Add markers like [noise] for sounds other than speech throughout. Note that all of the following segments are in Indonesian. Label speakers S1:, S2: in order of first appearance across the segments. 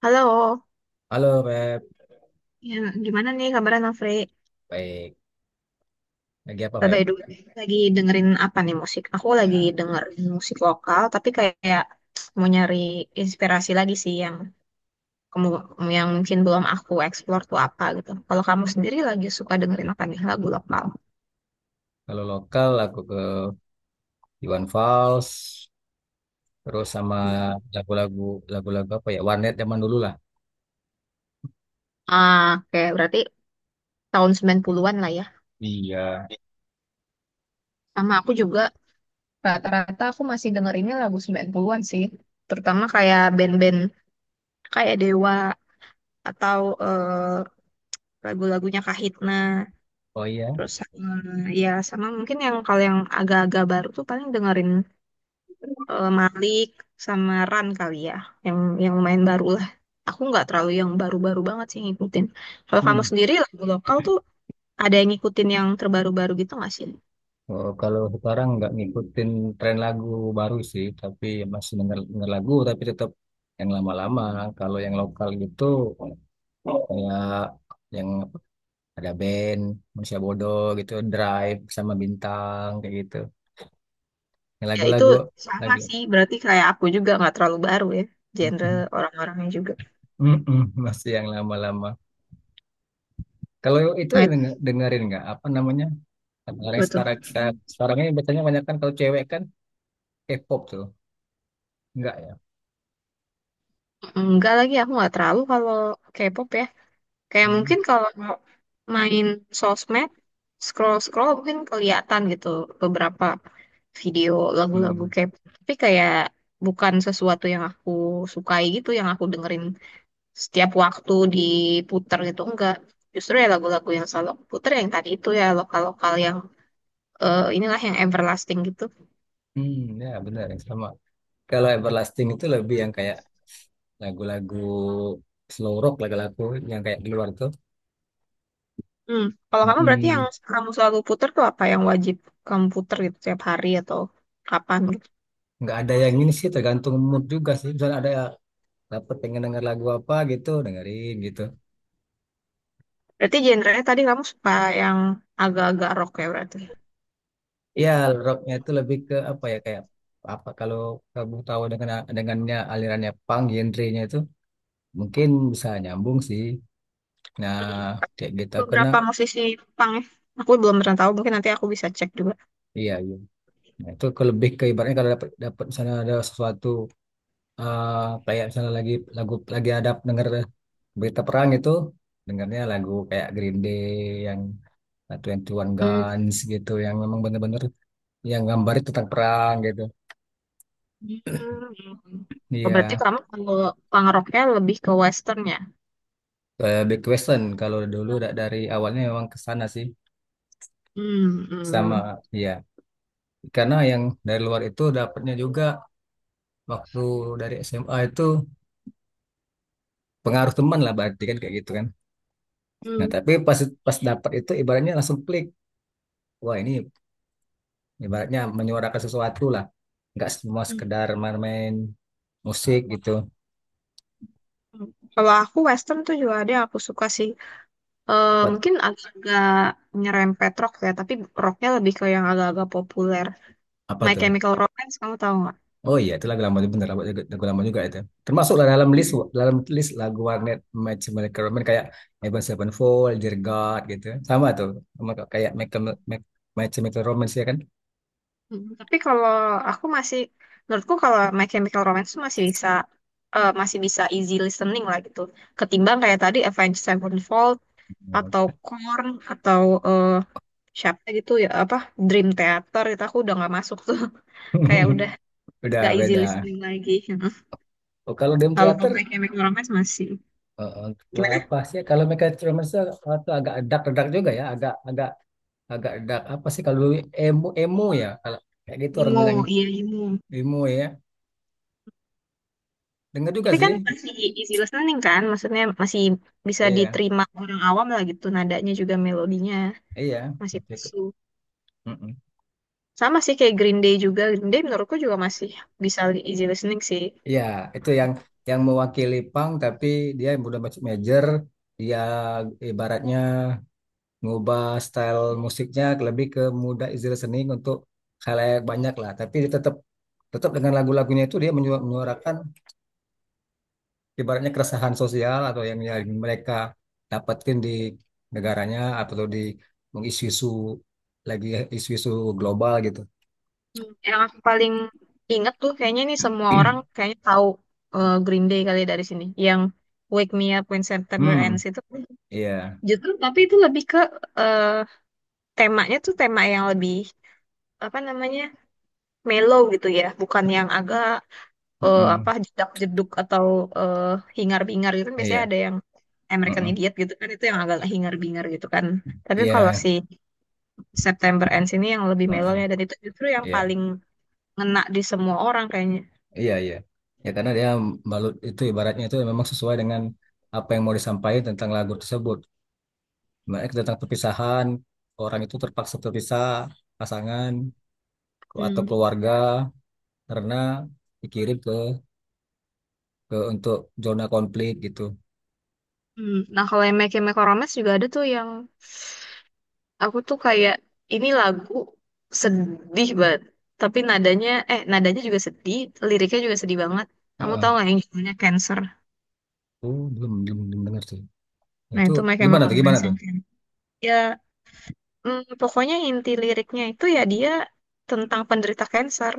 S1: Halo,
S2: Halo Feb,
S1: ya, gimana nih kabarnya Nafri?
S2: baik. Lagi apa Feb?
S1: Bye dulu. Lagi dengerin apa nih musik? Aku lagi dengerin musik lokal, tapi kayak mau nyari inspirasi lagi sih yang kamu yang mungkin belum aku explore tuh apa gitu. Kalau kamu sendiri lagi suka dengerin apa nih lagu lokal?
S2: Kalau lokal aku ke Iwan Fals, terus sama
S1: Hmm.
S2: lagu-lagu lagu-lagu apa ya? Warnet zaman dulu lah.
S1: Ah, oke, berarti tahun 90-an lah ya.
S2: Iya.
S1: Sama aku juga rata-rata aku masih dengerinnya lagu 90-an sih. Terutama kayak band-band kayak Dewa atau lagu-lagunya Kahitna.
S2: Oh iya.
S1: Terus sama, ya sama mungkin yang kalau yang agak-agak baru tuh paling dengerin Malik sama Ran kali ya, yang yang lumayan baru lah. Aku nggak terlalu yang baru-baru banget sih ngikutin. Kalau kamu
S2: Hmm.
S1: sendiri lagu lokal tuh ada yang ngikutin yang terbaru-baru gitu nggak sih?
S2: Oh, kalau sekarang nggak ngikutin tren lagu baru sih, tapi masih denger lagu tapi tetap yang lama-lama. Kalau yang lokal gitu kayak yang apa, ada band Manusia Bodoh gitu, Drive sama Bintang kayak gitu. Yang
S1: Ya itu
S2: Lagu-lagu
S1: sama
S2: lagi.
S1: sih, berarti kayak aku juga nggak terlalu baru ya, genre
S2: [laughs]
S1: orang-orangnya juga.
S2: Mm-mm, masih yang lama-lama. Kalau itu
S1: Nah itu
S2: dengerin nggak apa namanya? Kalau yang
S1: betul.
S2: sekarang sekarang ini biasanya banyak kan kalau cewek kan K-pop tuh, nggak ya?
S1: Enggak, lagi aku nggak terlalu kalau K-pop ya. Kayak
S2: Hmm,
S1: mungkin kalau main sosmed, scroll-scroll mungkin kelihatan gitu beberapa video lagu-lagu
S2: hmm,
S1: K-pop. Tapi kayak bukan sesuatu yang aku sukai gitu, yang aku dengerin setiap waktu diputer gitu. Enggak. Justru ya lagu-lagu yang selalu aku puter yang tadi itu ya lokal-lokal yang inilah yang everlasting gitu.
S2: hmm, ya benar yang sama. Kalau Everlasting itu lebih yang kayak lagu-lagu slow rock lagu-lagu yang kayak di luar tuh.
S1: Hmm. Kalau kamu berarti yang
S2: mm
S1: kamu selalu puter tuh apa yang wajib kamu puter gitu tiap hari atau kapan?
S2: Nggak ada yang ini sih tergantung mood juga sih. Misalnya ada dapat pengen denger lagu apa gitu, dengerin gitu.
S1: Berarti genre tadi kamu suka yang agak-agak rock ya berarti.
S2: Ya, rocknya itu lebih ke apa ya kayak apa kalau kamu tahu dengannya alirannya punk genrenya itu mungkin bisa nyambung sih. Nah,
S1: Hmm.
S2: kayak gitu karena
S1: Beberapa musisi punk ya. Aku belum pernah tahu, mungkin nanti aku bisa cek juga.
S2: iya, iya. Nah, itu lebih ke ibaratnya kalau dapat dapat misalnya ada sesuatu, eh, kayak misalnya lagi ada dengar berita perang itu, dengarnya lagu kayak Green Day yang Twenty One
S1: Hmm.
S2: Guns gitu, yang memang bener-bener yang gambarnya tentang perang gitu.
S1: Hmm. Oh, berarti
S2: Iya.
S1: kamu kalau punk rocknya lebih ke western ya?
S2: Big question kalau dulu dari awalnya memang ke sana sih,
S1: Hmm. Hmm.
S2: sama ya karena yang dari luar itu dapatnya juga waktu dari SMA itu pengaruh teman lah berarti kan kayak gitu kan. Nah
S1: Hmm.
S2: tapi pas pas dapat itu ibaratnya langsung klik, wah ini ibaratnya menyuarakan sesuatu lah, nggak semua
S1: Hmm.
S2: sekedar main-main musik gitu.
S1: Kalau aku western tuh juga ada yang aku suka sih. Eh,
S2: Apa
S1: mungkin agak nyerempet rock ya, tapi rocknya lebih ke yang agak-agak populer.
S2: apa
S1: My
S2: tuh.
S1: Chemical Romance, kamu tahu
S2: Oh iya, itu lagu lama juga, bener lagu lama juga itu. Termasuklah dalam list
S1: nggak?
S2: lagu warnet macam mereka Roman kayak Avenged Sevenfold, Dear God gitu. Sama tuh, sama kayak Michael Mac- macam Michael Romance ya kan.
S1: Hmm, tapi kalau aku masih, menurutku kalau My Chemical Romance tuh masih bisa, masih bisa easy listening lah gitu. Ketimbang kayak tadi Avenged Sevenfold atau Korn atau eh, siapa gitu ya apa Dream Theater itu aku udah nggak masuk tuh. [laughs] Kayak udah
S2: [laughs] Udah
S1: nggak easy
S2: beda.
S1: listening lagi. [laughs]
S2: Oh, kalau Dream
S1: Kalau
S2: Theater
S1: My Chemical Romance masih
S2: gua
S1: gimana?
S2: apa sih? Kalau Michael Romance itu agak dark-dark juga ya, agak agak agak dark apa sih, kalau dulu emo emo ya kalau kayak gitu orang
S1: Emo,
S2: bilangnya,
S1: iya emo.
S2: emo ya. Dengar juga
S1: Tapi kan
S2: sih.
S1: masih easy listening kan, maksudnya masih bisa
S2: Iya,
S1: diterima orang awam lah gitu. Nadanya juga melodinya
S2: iya.
S1: masih
S2: Gitu.
S1: pasu.
S2: Mm-mm.
S1: Sama sih kayak Green Day juga. Green Day menurutku juga masih bisa li- easy listening sih.
S2: Iya, itu yang mewakili Pang, tapi dia yang udah masuk major, dia ibaratnya ngubah style musiknya lebih ke muda Izzy Listening untuk khalayak banyak lah. Tapi dia tetap tetap dengan lagu-lagunya itu dia menyuarakan ibaratnya keresahan sosial atau yang mereka dapetin di negaranya atau di isu-isu lagi isu-isu global gitu.
S1: Hmm. Yang aku paling inget tuh kayaknya nih semua orang kayaknya tahu Green Day kali ya dari sini. Yang Wake Me Up When September
S2: Hmm,
S1: Ends itu
S2: iya.
S1: justru tapi itu lebih ke eh, temanya tuh tema yang lebih apa namanya mellow gitu ya, bukan yang agak apa
S2: Mm-mm.
S1: jedak-jeduk atau eh, hingar-bingar gitu kan biasanya
S2: Iya.
S1: ada yang American
S2: Mm-mm.
S1: Idiot gitu kan itu yang agak hingar-bingar gitu kan. Tapi kalau
S2: Iya.
S1: si September Ends ini yang lebih mellow
S2: Mm-mm.
S1: ya dan itu justru yang
S2: Iya.
S1: paling ngena di semua orang kayaknya.
S2: Iya, iya. Ya karena dia balut itu ibaratnya itu memang sesuai dengan apa yang mau disampaikan tentang lagu tersebut. Mereka tentang perpisahan, orang itu terpaksa terpisah, pasangan atau
S1: Hmm.
S2: keluarga karena dikirim ke, untuk zona konflik gitu.
S1: Hmm. Nah kalau yang Make Chemical Romance juga ada tuh yang aku tuh kayak ini lagu sedih banget tapi nadanya nadanya juga sedih liriknya juga sedih banget, kamu tahu
S2: Heeh.
S1: nggak yang judulnya Cancer?
S2: Oh, belum belum belum dengar sih. Nah,
S1: Nah
S2: itu
S1: itu Make
S2: gimana
S1: Chemical
S2: tuh? Gimana
S1: Romance
S2: tuh?
S1: yang Can- ya pokoknya inti liriknya itu ya dia tentang penderita kanker.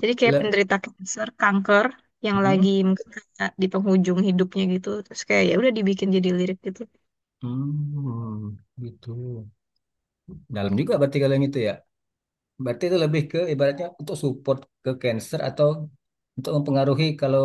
S1: Jadi kayak
S2: Le
S1: penderita kanker, kanker yang
S2: Heeh.
S1: lagi mungkin kayak di penghujung hidupnya gitu. Terus kayak ya udah dibikin jadi lirik gitu.
S2: Hmm, gitu. Dalam juga berarti kalau yang itu ya. Berarti itu lebih ke ibaratnya untuk support ke cancer, atau untuk mempengaruhi kalau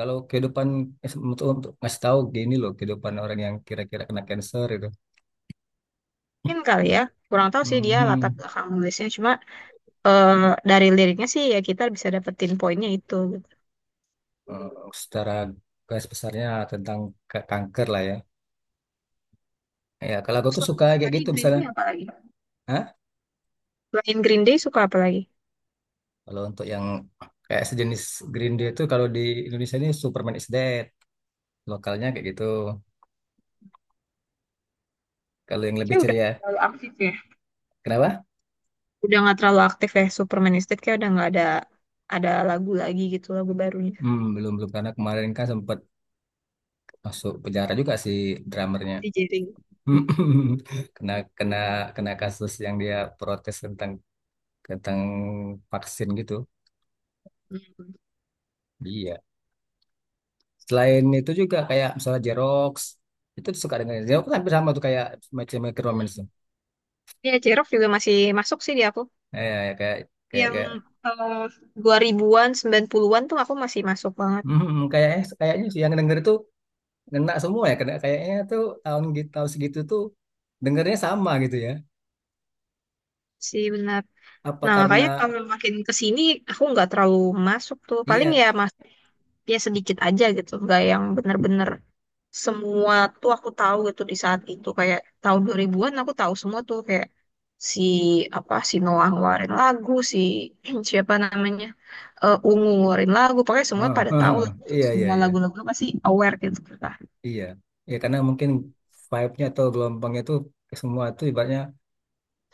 S2: Kalau kehidupan, untuk ngasih tahu gini loh kehidupan orang yang kira-kira kena cancer itu.
S1: Mungkin kali ya. Kurang tahu sih dia latar
S2: Mhm.
S1: belakang nulisnya. Cuma eh, dari liriknya sih ya kita bisa dapetin poinnya itu. Gitu.
S2: Eh, secara garis besarnya tentang kanker lah ya. Ya kalau aku tuh suka
S1: Terus
S2: kayak
S1: tadi
S2: gitu
S1: Green
S2: misalnya.
S1: Day apa lagi?
S2: Hah?
S1: Selain Green Day suka apa lagi?
S2: Kalau untuk yang kayak sejenis Green Day itu kalau di Indonesia ini Superman is Dead, lokalnya kayak gitu. Kalau yang lebih
S1: Kayak udah
S2: ceria,
S1: nggak terlalu aktif ya.
S2: kenapa?
S1: Udah nggak terlalu aktif ya. Supermanistic kayak udah nggak ada ada lagu lagi gitu lagu barunya.
S2: Hmm, belum belum karena kemarin kan sempat masuk penjara juga si drummernya.
S1: Di jaring. Hmm.
S2: [laughs] kena kena kena kasus yang dia protes tentang tentang vaksin gitu. Iya. Selain itu juga kayak misalnya Jerox, itu suka dengan Jerox kan hampir sama tuh kayak macam Necromance tuh.
S1: Ya, J-Rock juga masih masuk sih di aku.
S2: Ya, ya, kayak kayak
S1: Yang
S2: kayak
S1: eh, dua ribuan sembilan puluhan an tuh aku masih masuk banget
S2: kayaknya kayaknya sih yang denger itu ngena semua ya, kena kayaknya tuh tahun gitu tahun segitu tuh dengernya sama gitu ya.
S1: sih benar.
S2: Apa
S1: Nah,
S2: karena
S1: makanya kalau makin ke sini aku nggak terlalu masuk tuh. Paling
S2: iya,
S1: ya masuk ya sedikit aja gitu, nggak yang bener-bener semua tuh aku tahu gitu di saat itu. Kayak tahun 2000-an aku tahu semua tuh kayak si apa si Noah ngeluarin lagu, si [clears throat] siapa namanya Ungu ngeluarin lagu, pokoknya semua
S2: heeh,
S1: pada tahu
S2: heeh,
S1: lah. Gitu.
S2: iya, iya,
S1: Semua
S2: iya,
S1: lagu-lagu pasti aware gitu. Kan.
S2: iya. Ya karena mungkin vibe-nya atau gelombangnya tuh semua tuh ibaratnya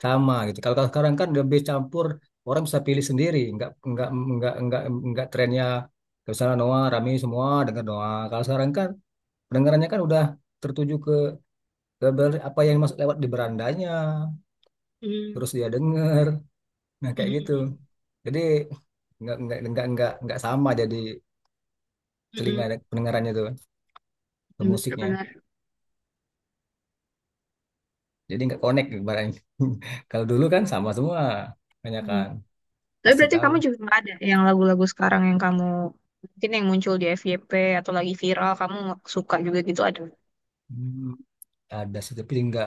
S2: sama gitu. Kalau Kalau sekarang kan lebih campur, orang bisa pilih sendiri, nggak nggak nggak trennya ke sana, Noah rame semua dengar Noah. Kalau sekarang kan pendengarannya kan udah tertuju ke apa yang masuk lewat di berandanya,
S1: Hmm,
S2: terus dia denger, nah kayak gitu.
S1: mhm,
S2: Jadi nggak sama, jadi telinga
S1: mhm,
S2: dan pendengarannya tuh ke
S1: mhm,
S2: musiknya.
S1: benar-benar.
S2: Jadi nggak connect barangnya. [laughs] Kalau dulu kan sama semua, banyak
S1: Mhm.
S2: kan
S1: Tapi
S2: pasti
S1: berarti
S2: tahu.
S1: kamu juga nggak ada yang lagu-lagu sekarang yang kamu mungkin yang muncul di FYP atau lagi viral kamu suka juga gitu ada?
S2: Hmm. Ada sih tapi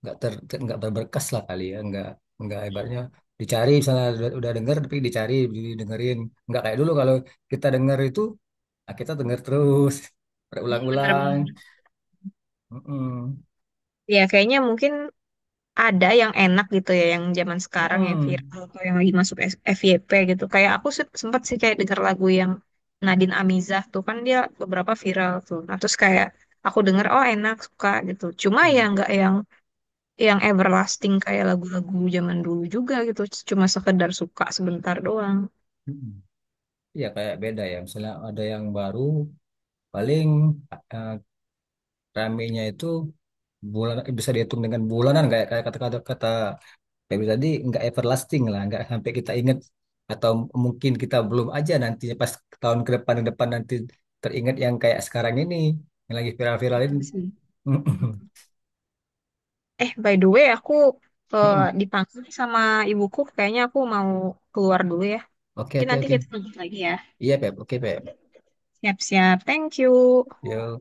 S2: nggak ter nggak berberkas lah kali ya, nggak ibaratnya dicari, misalnya udah denger tapi dicari didengerin nggak kayak dulu, kalau kita denger itu, ah, kita denger terus [laughs]
S1: Hmm,
S2: berulang-ulang.
S1: benar-benar.
S2: Mm-mm.
S1: Ya kayaknya mungkin ada yang enak gitu ya yang zaman sekarang yang
S2: Mm-mm.
S1: viral atau yang lagi masuk S- FYP gitu kayak aku se- sempet sih kayak denger lagu yang Nadine Amizah tuh kan dia beberapa viral tuh nah terus kayak aku denger oh enak suka gitu cuma ya
S2: Mm.
S1: nggak yang yang everlasting kayak lagu-lagu zaman dulu juga gitu cuma sekedar suka sebentar doang.
S2: Mm-mm. Iya kayak beda ya misalnya ada yang baru paling, eh, ramenya itu bulan bisa dihitung dengan bulanan, kayak kayak kata kata kata kayak tadi, nggak everlasting lah, nggak sampai kita ingat, atau mungkin kita belum aja nantinya, pas tahun ke depan nanti teringat yang kayak sekarang ini yang lagi viral viralin.
S1: Benar sih. Mhm. Eh by the way aku
S2: [laughs]
S1: dipanggil nih sama ibuku kayaknya aku mau keluar dulu ya,
S2: Oke,
S1: mungkin
S2: oke,
S1: nanti
S2: oke.
S1: kita lanjut lagi ya,
S2: Iya Pep, oke Pep.
S1: siap-siap, thank you.
S2: Yo.